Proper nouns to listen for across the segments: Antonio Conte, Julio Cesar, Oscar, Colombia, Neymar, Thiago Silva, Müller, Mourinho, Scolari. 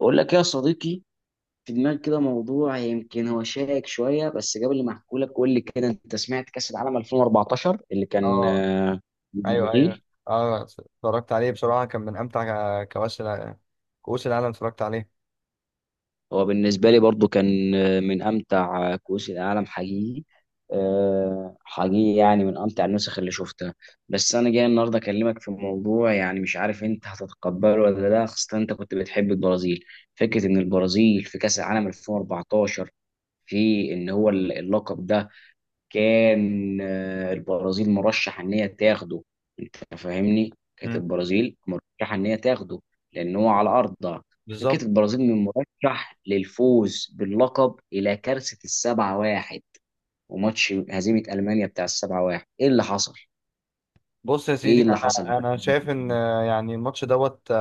بقول لك يا صديقي، في دماغي كده موضوع يمكن هو شائك شويه. بس قبل ما احكي لك قول لي كده، انت سمعت كاس العالم 2014 اللي كان اه، في ايوه، ايوه، البرازيل؟ اه، اتفرجت عليه بصراحه، كان من امتع كؤوس العالم. اتفرجت عليه. هو بالنسبه لي برضو كان من امتع كؤوس العالم حقيقي. حقيقي، يعني من امتع النسخ اللي شفتها. بس انا جاي النهارده اكلمك في موضوع، يعني مش عارف انت هتتقبله ولا لا، خاصه انت كنت بتحب البرازيل. فكره ان البرازيل في كاس العالم 2014، في ان هو اللقب ده كان البرازيل مرشح ان هي تاخده. انت فاهمني، كانت امم. البرازيل مرشح ان هي تاخده، لان هو على ارضها. فكانت بالظبط. البرازيل من مرشح للفوز باللقب الى كارثه السبعة واحد، وماتش هزيمه المانيا بتاع السبعة واحد. ايه اللي حصل؟ بص يا ايه سيدي، اللي حصل انا بقى؟ انا شايف ان يعني الماتش دوت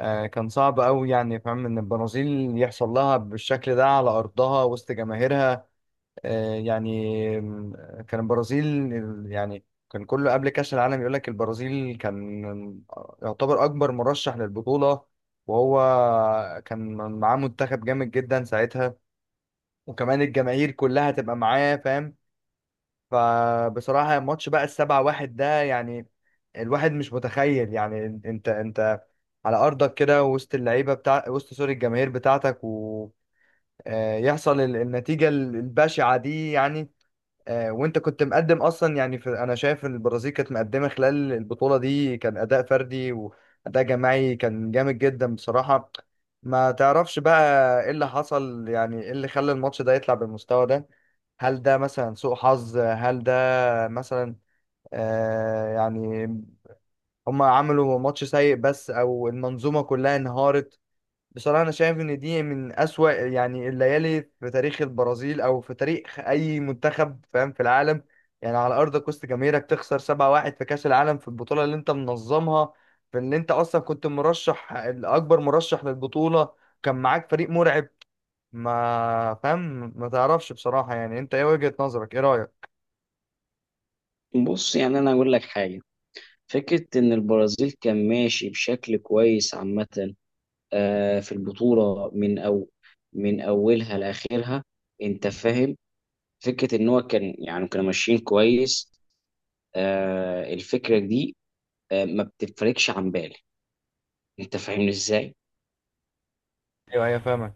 آه، كان صعب قوي، يعني فاهم ان البرازيل يحصل لها بالشكل ده على ارضها وسط جماهيرها. آه، يعني آم، كان البرازيل، يعني كان كله قبل كاس العالم يقول لك البرازيل كان يعتبر اكبر مرشح للبطوله، وهو كان معاه منتخب جامد جدا ساعتها، وكمان الجماهير كلها تبقى معاه فاهم. فبصراحة الماتش بقى ال7-1 ده، يعني الواحد مش متخيل، يعني انت على ارضك كده وسط اللعيبة بتاع وسط سوري الجماهير بتاعتك، ويحصل النتيجة البشعة دي، يعني وانت كنت مقدم اصلا، يعني في انا شايف ان البرازيل كانت مقدمه خلال البطوله دي، كان اداء فردي واداء جماعي كان جامد جدا بصراحه. ما تعرفش بقى ايه اللي حصل، يعني ايه اللي خلى الماتش ده يطلع بالمستوى ده؟ هل ده مثلا سوء حظ، هل ده مثلا يعني هم عملوا ماتش سيء بس، او المنظومه كلها انهارت؟ بصراحة أنا شايف إن دي من أسوأ، يعني الليالي في تاريخ البرازيل أو في تاريخ أي منتخب فاهم في العالم. يعني على أرض كوست جماهيرك تخسر 7-1 في كأس العالم، في البطولة اللي أنت منظمها، في اللي أنت أصلا كنت الأكبر مرشح للبطولة، كان معاك فريق مرعب، ما فاهم، ما تعرفش بصراحة، يعني أنت إيه وجهة نظرك؟ إيه رأيك؟ بص، يعني انا اقول لك حاجه. فكره ان البرازيل كان ماشي بشكل كويس عامه في البطوله من او من اولها لاخرها، انت فاهم. فكره ان هو كان، يعني كانوا ماشيين كويس. آه الفكره دي آه ما بتفرقش عن بالي، انت فاهمني ازاي. أيوه، أيوه، فاهمك،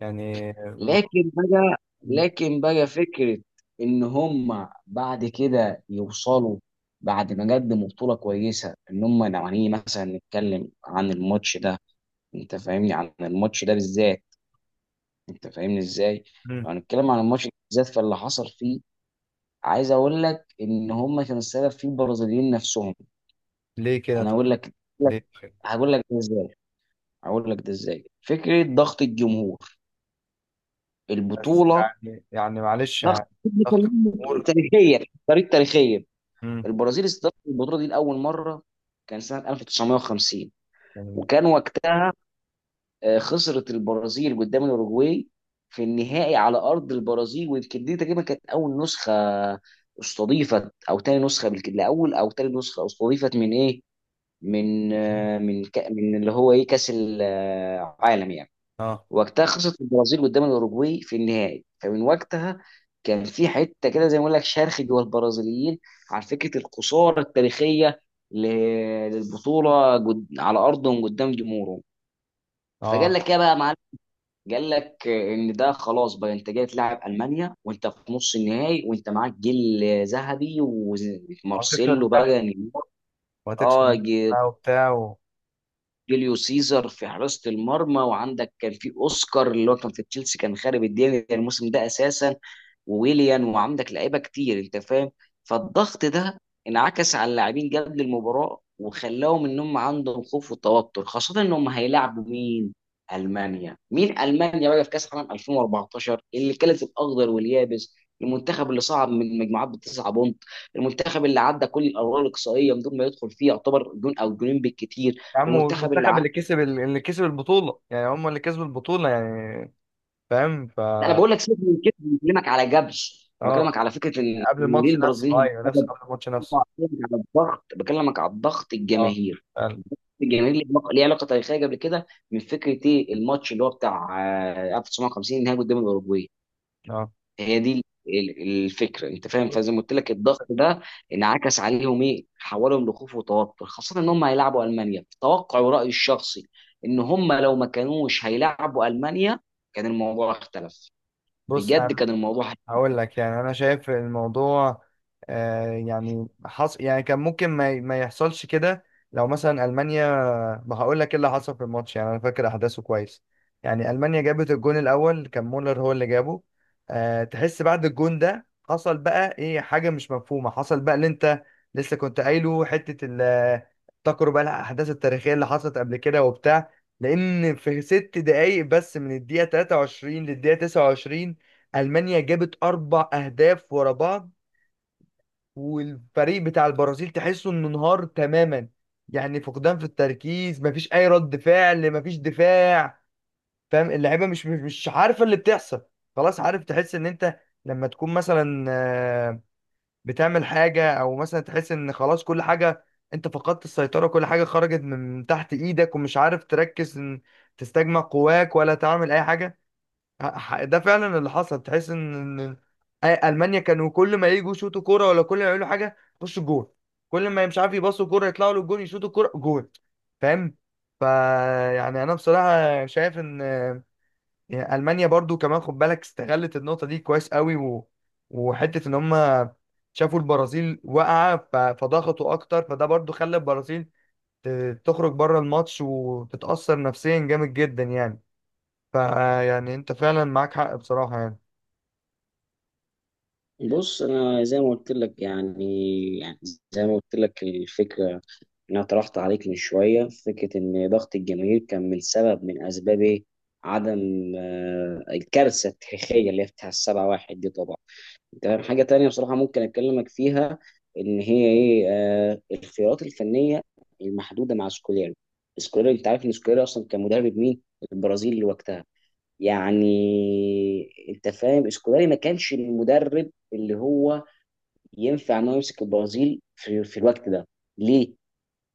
يعني لكن بقى فكره ان هم بعد كده يوصلوا، بعد ما قدموا بطوله كويسه، ان هم لو هنيجي مثلا نتكلم عن الماتش ده، انت فاهمني، عن الماتش ده بالذات، انت فاهمني ازاي. م- لو هنتكلم عن الماتش ده بالذات، فاللي حصل فيه عايز اقول لك ان هم كانوا السبب فيه، البرازيليين نفسهم. ليه كده انا طيب؟ اقول لك. ليه؟ هقول لك ده ازاي. فكره ضغط الجمهور، بس البطوله يعني معلش، ضغط، يعني ضغط الجمهور. تاريخيه، طريق تاريخيه. البرازيل استضافت البطوله دي لاول مره كان سنه 1950، مم. وكان وقتها خسرت البرازيل قدام الاوروجواي في النهائي على ارض البرازيل. ويمكن دي تقريبا كانت اول نسخه استضيفت، او تاني نسخه بالكده، لاول او تاني نسخه استضيفت من ايه؟ من من من اللي هو ايه، كاس العالم يعني. اه، وقتها خسرت البرازيل قدام الاوروجواي في النهائي. فمن وقتها كان في حته كده، زي ما اقول لك، شرخ جوه البرازيليين على فكره الخساره التاريخيه ل- للبطوله على ارضهم قدام جمهورهم. فقال اه، لك ايه بقى يا معلم، قال لك ان ده خلاص بقى، انت جاي تلعب المانيا وانت في نص النهائي، وانت معاك جيل ذهبي وهتكسر ومارسيلو النحس بقى نيمار. وهتكسر اه، النحس بقى وبتاع جوليو سيزر في حراسة المرمى، وعندك كان في اوسكار اللي هو كان في تشيلسي، كان خارب الدنيا الموسم ده اساسا، وويليان، وعندك لعيبة كتير انت فاهم. فالضغط ده انعكس على اللاعبين قبل المباراة، وخلاهم ان هم عندهم خوف وتوتر، خاصة ان هم هيلاعبوا مين؟ المانيا. مين المانيا بقى؟ في كاس العالم 2014 اللي كانت الاخضر واليابس، المنتخب اللي صعد من مجموعات بتسعة بونت، المنتخب اللي عدى كل الادوار الاقصائيه من دون ما يدخل فيه يعتبر جون او جونين بالكتير، يا عم، المنتخب اللي والمنتخب اللي كسب البطولة، يعني هم اللي كسبوا البطولة يعني فاهم انا بقول لك سيبك من كده، أنا بكلمك على جبش، انا بكلمك اه. على فكره ان قبل إن ليه الماتش نفسه، البرازيليين ايوه، هم سبب. قبل الماتش نفسه. بكلمك على الضغط، بكلمك على الضغط اه، الجماهيري، فعلا. الجماهير ليه علاقه، ليه علاقة تاريخيه قبل كده، من فكره ايه الماتش اللي هو بتاع 1950 النهائي قدام الاوروجواي. اه، هي دي الفكره، انت فاهم. فزي ما قلت لك، الضغط ده انعكس عليهم، ايه، حولهم لخوف وتوتر، خاصه ان هم هيلعبوا المانيا. توقعي ورايي الشخصي ان هم لو ما كانوش هيلعبوا المانيا كان الموضوع اختلف، بص بجد انا كان الموضوع. هقول لك، يعني انا شايف الموضوع، يعني يعني كان ممكن ما, ما يحصلش كده لو مثلا المانيا. ما هقول لك ايه اللي حصل في الماتش، يعني انا فاكر احداثه كويس. يعني المانيا جابت الجون الاول، كان مولر هو اللي جابه. أه، تحس بعد الجون ده حصل بقى ايه، حاجه مش مفهومه حصل بقى، اللي انت لسه كنت قايله حته افتكروا بقى الاحداث التاريخيه اللي حصلت قبل كده وبتاع، لان في 6 دقايق بس من الدقيقه 23 للدقيقه 29 المانيا جابت اربع اهداف ورا بعض، والفريق بتاع البرازيل تحسه انه انهار تماما. يعني فقدان في التركيز، مفيش اي رد فعل، مفيش دفاع، فاهم. اللعيبه مش عارفه اللي بتحصل. خلاص عارف، تحس ان انت لما تكون مثلا بتعمل حاجه، او مثلا تحس ان خلاص كل حاجه، انت فقدت السيطره، كل حاجه خرجت من تحت ايدك، ومش عارف تركز ان تستجمع قواك ولا تعمل اي حاجه. ده فعلا اللي حصل، تحس إن المانيا كانوا كل ما يجوا يشوطوا كوره، ولا كل ما يعملوا حاجه يخشوا جون، كل ما مش عارف يباصوا كوره يطلعوا للجون يشوطوا كوره جون، فاهم. فا يعني انا بصراحه شايف ان، يعني المانيا برضو كمان خد بالك استغلت النقطه دي كويس قوي، وحته ان هم شافوا البرازيل واقعه، فضغطوا اكتر، فده برضو خلى البرازيل تخرج بره الماتش وتتاثر نفسيا جامد جدا، يعني فيعني انت فعلا معاك حق بصراحه يعني. بص انا زي ما قلت لك، يعني يعني زي ما قلت لك الفكره اللي انا طرحت عليك من شويه، فكره ان ضغط الجماهير كان من سبب، من اسباب إيه؟ عدم الكارثه التاريخيه اللي هي بتاع السبعة واحد دي طبعا. تمام، حاجه تانية بصراحه ممكن اكلمك فيها، ان هي ايه، الخيارات الفنيه المحدوده مع سكوليري. سكوليري انت عارف ان سكوليري اصلا كان مدرب مين؟ البرازيل وقتها، يعني انت فاهم، سكولاري ما كانش المدرب اللي هو ينفع انه يمسك البرازيل في الوقت ده. ليه؟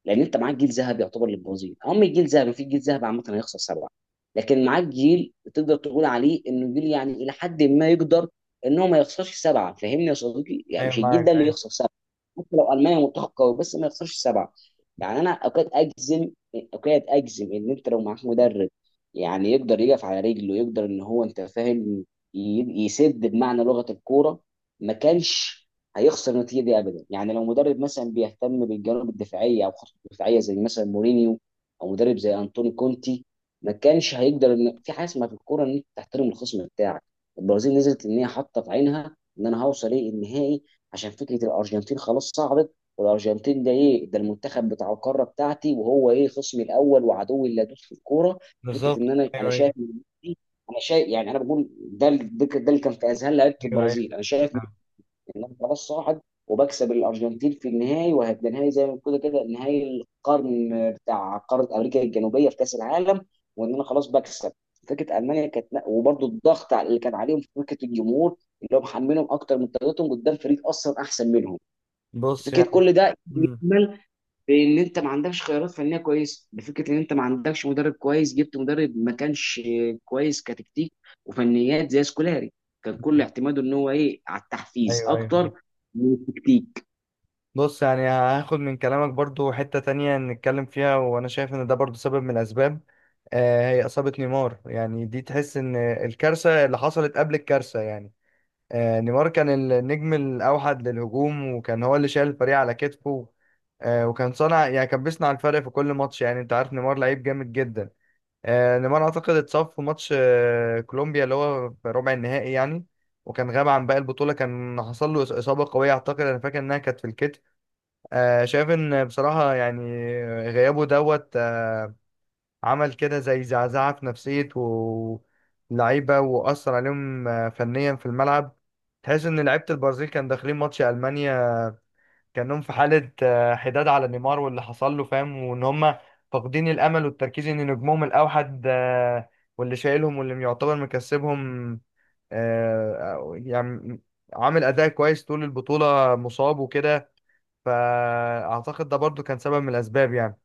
لان انت معاك جيل ذهبي، يعتبر للبرازيل هم الجيل ذهبي، في جيل ذهبي عامه هيخسر سبعه؟ لكن معاك جيل تقدر تقول عليه انه جيل، يعني الى حد ما يقدر ان هو ما يخسرش سبعه، فاهمني يا صديقي؟ يعني ايوه، مش الجيل ده معاك، اللي ايوه. يخسر سبعه، حتى لو المانيا منتخب قوي بس ما يخسرش سبعه. يعني انا اوقات اجزم، ان انت لو معاك مدرب يعني يقدر يقف على رجله، يقدر ان هو انت فاهم يسد بمعنى لغه الكوره، ما كانش هيخسر النتيجه دي ابدا. يعني لو مدرب مثلا بيهتم بالجوانب الدفاعيه او خطوط الدفاعيه زي مثلا مورينيو، او مدرب زي انطوني كونتي، ما كانش هيقدر. ان في حاجه اسمها في الكوره ان انت تحترم الخصم بتاعك. البرازيل نزلت ان هي حاطه في عينها ان انا هوصل ايه النهائي، عشان فكره الارجنتين خلاص صعدت، والارجنتين ده ايه، ده المنتخب بتاع القاره بتاعتي وهو ايه خصمي الاول وعدوي اللدود في الكوره. فكره ان بالظبط، انا، ايوه، انا شايف، يعني انا بقول ده اللي كان في اذهان لعيبه ايوه، ايوه، البرازيل، ايوه. انا شايف ان انا خلاص صاعد وبكسب الارجنتين في النهائي، وهيبقى نهائي زي ما كده كده نهائي القرن بتاع قاره امريكا الجنوبيه في كاس العالم، وان انا خلاص بكسب. فكره المانيا كانت، وبرده الضغط اللي كان عليهم في فكره الجمهور اللي هو محملهم اكتر من طاقتهم قدام فريق اصلا احسن منهم. بص فكره يعني. كل ده مم. لان انت ما عندكش خيارات فنيه كويسه، بفكره ان انت ما عندكش مدرب كويس، جبت مدرب ما كانش كويس كتكتيك وفنيات زي سكولاري. كان كل اعتماده ان هو ايه على التحفيز ايوه، ايوه، أيوة. اكتر من التكتيك. بص، يعني هاخد من كلامك برضو حتة تانية نتكلم فيها، وانا شايف ان ده برضو سبب من الاسباب. هي اصابة نيمار، يعني دي تحس ان الكارثة اللي حصلت قبل الكارثة يعني. نيمار كان النجم الاوحد للهجوم، وكان هو اللي شايل الفريق على كتفه. وكان يعني كان بيصنع الفرق في كل ماتش، يعني انت عارف نيمار لعيب جامد جدا. نيمار اعتقد اتصاب في ماتش كولومبيا اللي هو في ربع النهائي يعني. وكان غاب عن باقي البطوله، كان حصل له اصابه قويه، اعتقد انا فاكر انها كانت في الكتف. شايف ان بصراحه، يعني غيابه دوت آه، عمل كده زي زعزعه في نفسيه واللعيبه، واثر عليهم فنيا في الملعب. تحس ان لعيبه البرازيل كان داخلين ماتش المانيا كانهم في حالة حداد على نيمار واللي حصل له، فاهم، وان هم فاقدين الامل والتركيز ان نجمهم الاوحد واللي شايلهم واللي يعتبر مكسبهم، آه، يعني عامل اداء كويس طول البطولة، مصاب وكده، فاعتقد ده برضو كان سبب من الاسباب يعني.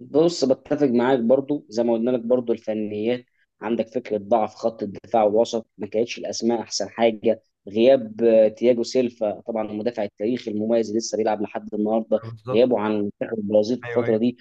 بص بتفق معاك برضو زي ما قلنا لك، برضو الفنيات، عندك فكره ضعف خط الدفاع والوسط، ما كانتش الاسماء احسن حاجه. غياب تياجو سيلفا طبعا، المدافع التاريخي المميز اللي لسه بيلعب لحد النهارده، بالظبط، غيابه عن منتخب البرازيل في ايوه، الفتره ايوه. دي.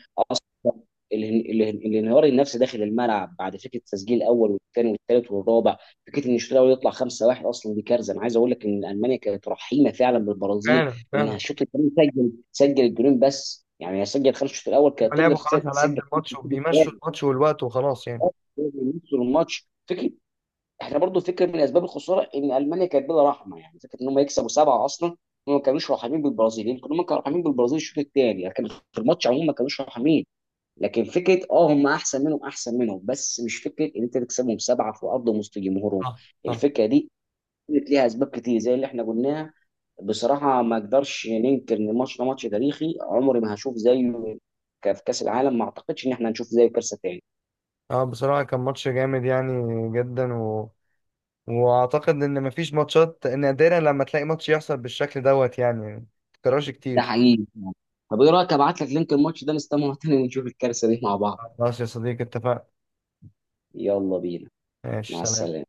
الانهيار النفسي داخل الملعب بعد فكره التسجيل الاول والثاني والثالث والرابع. فكره ان الشوط الاول يطلع 5-1 اصلا دي كارثه. انا عايز اقول لك ان المانيا كانت رحيمه فعلا بالبرازيل، فعلا، انها فعلا. الشوط الثاني سجل الجولين بس، يعني هي سجل خمس الشوط الاول، هما كانت تقدر لعبوا خلاص على قد تسجل خمسة الماتش في الشوط وبيمشوا الثاني الماتش والوقت وخلاص يعني. يوصلوا الماتش. فكره احنا برضو فكره من اسباب الخساره ان المانيا كانت بلا رحمه، يعني فكره ان هم يكسبوا سبعه اصلا، هم ما كانوش رحمين بالبرازيل. يمكن هم كانوا رحمين بالبرازيل الشوط الثاني، لكن في الماتش عموما ما كانوش رحمين. لكن فكره اه هم احسن منهم، احسن منهم، بس مش فكره ان انت تكسبهم سبعه في ارض وسط جمهورهم. صح، صح. الفكره دي كانت ليها اسباب كتير زي اللي احنا قلناها. بصراحه ما اقدرش ننكر ان الماتش ده ماتش تاريخي، عمري ما هشوف زيه في كاس العالم، ما اعتقدش ان احنا هنشوف زيه كارثه تاني. اه، بصراحة كان ماتش جامد يعني، جدا. واعتقد ان مفيش ماتشات، ان نادرا لما تلاقي ماتش يحصل بالشكل يعني ما تكررش ده كتير. حقيقي. طب ايه رايك ابعت لك لينك الماتش ده، نستمع تاني ونشوف الكارثه دي مع بعض. خلاص يا صديقي اتفقنا. يلا بينا. ماشي، مع سلام. السلامه.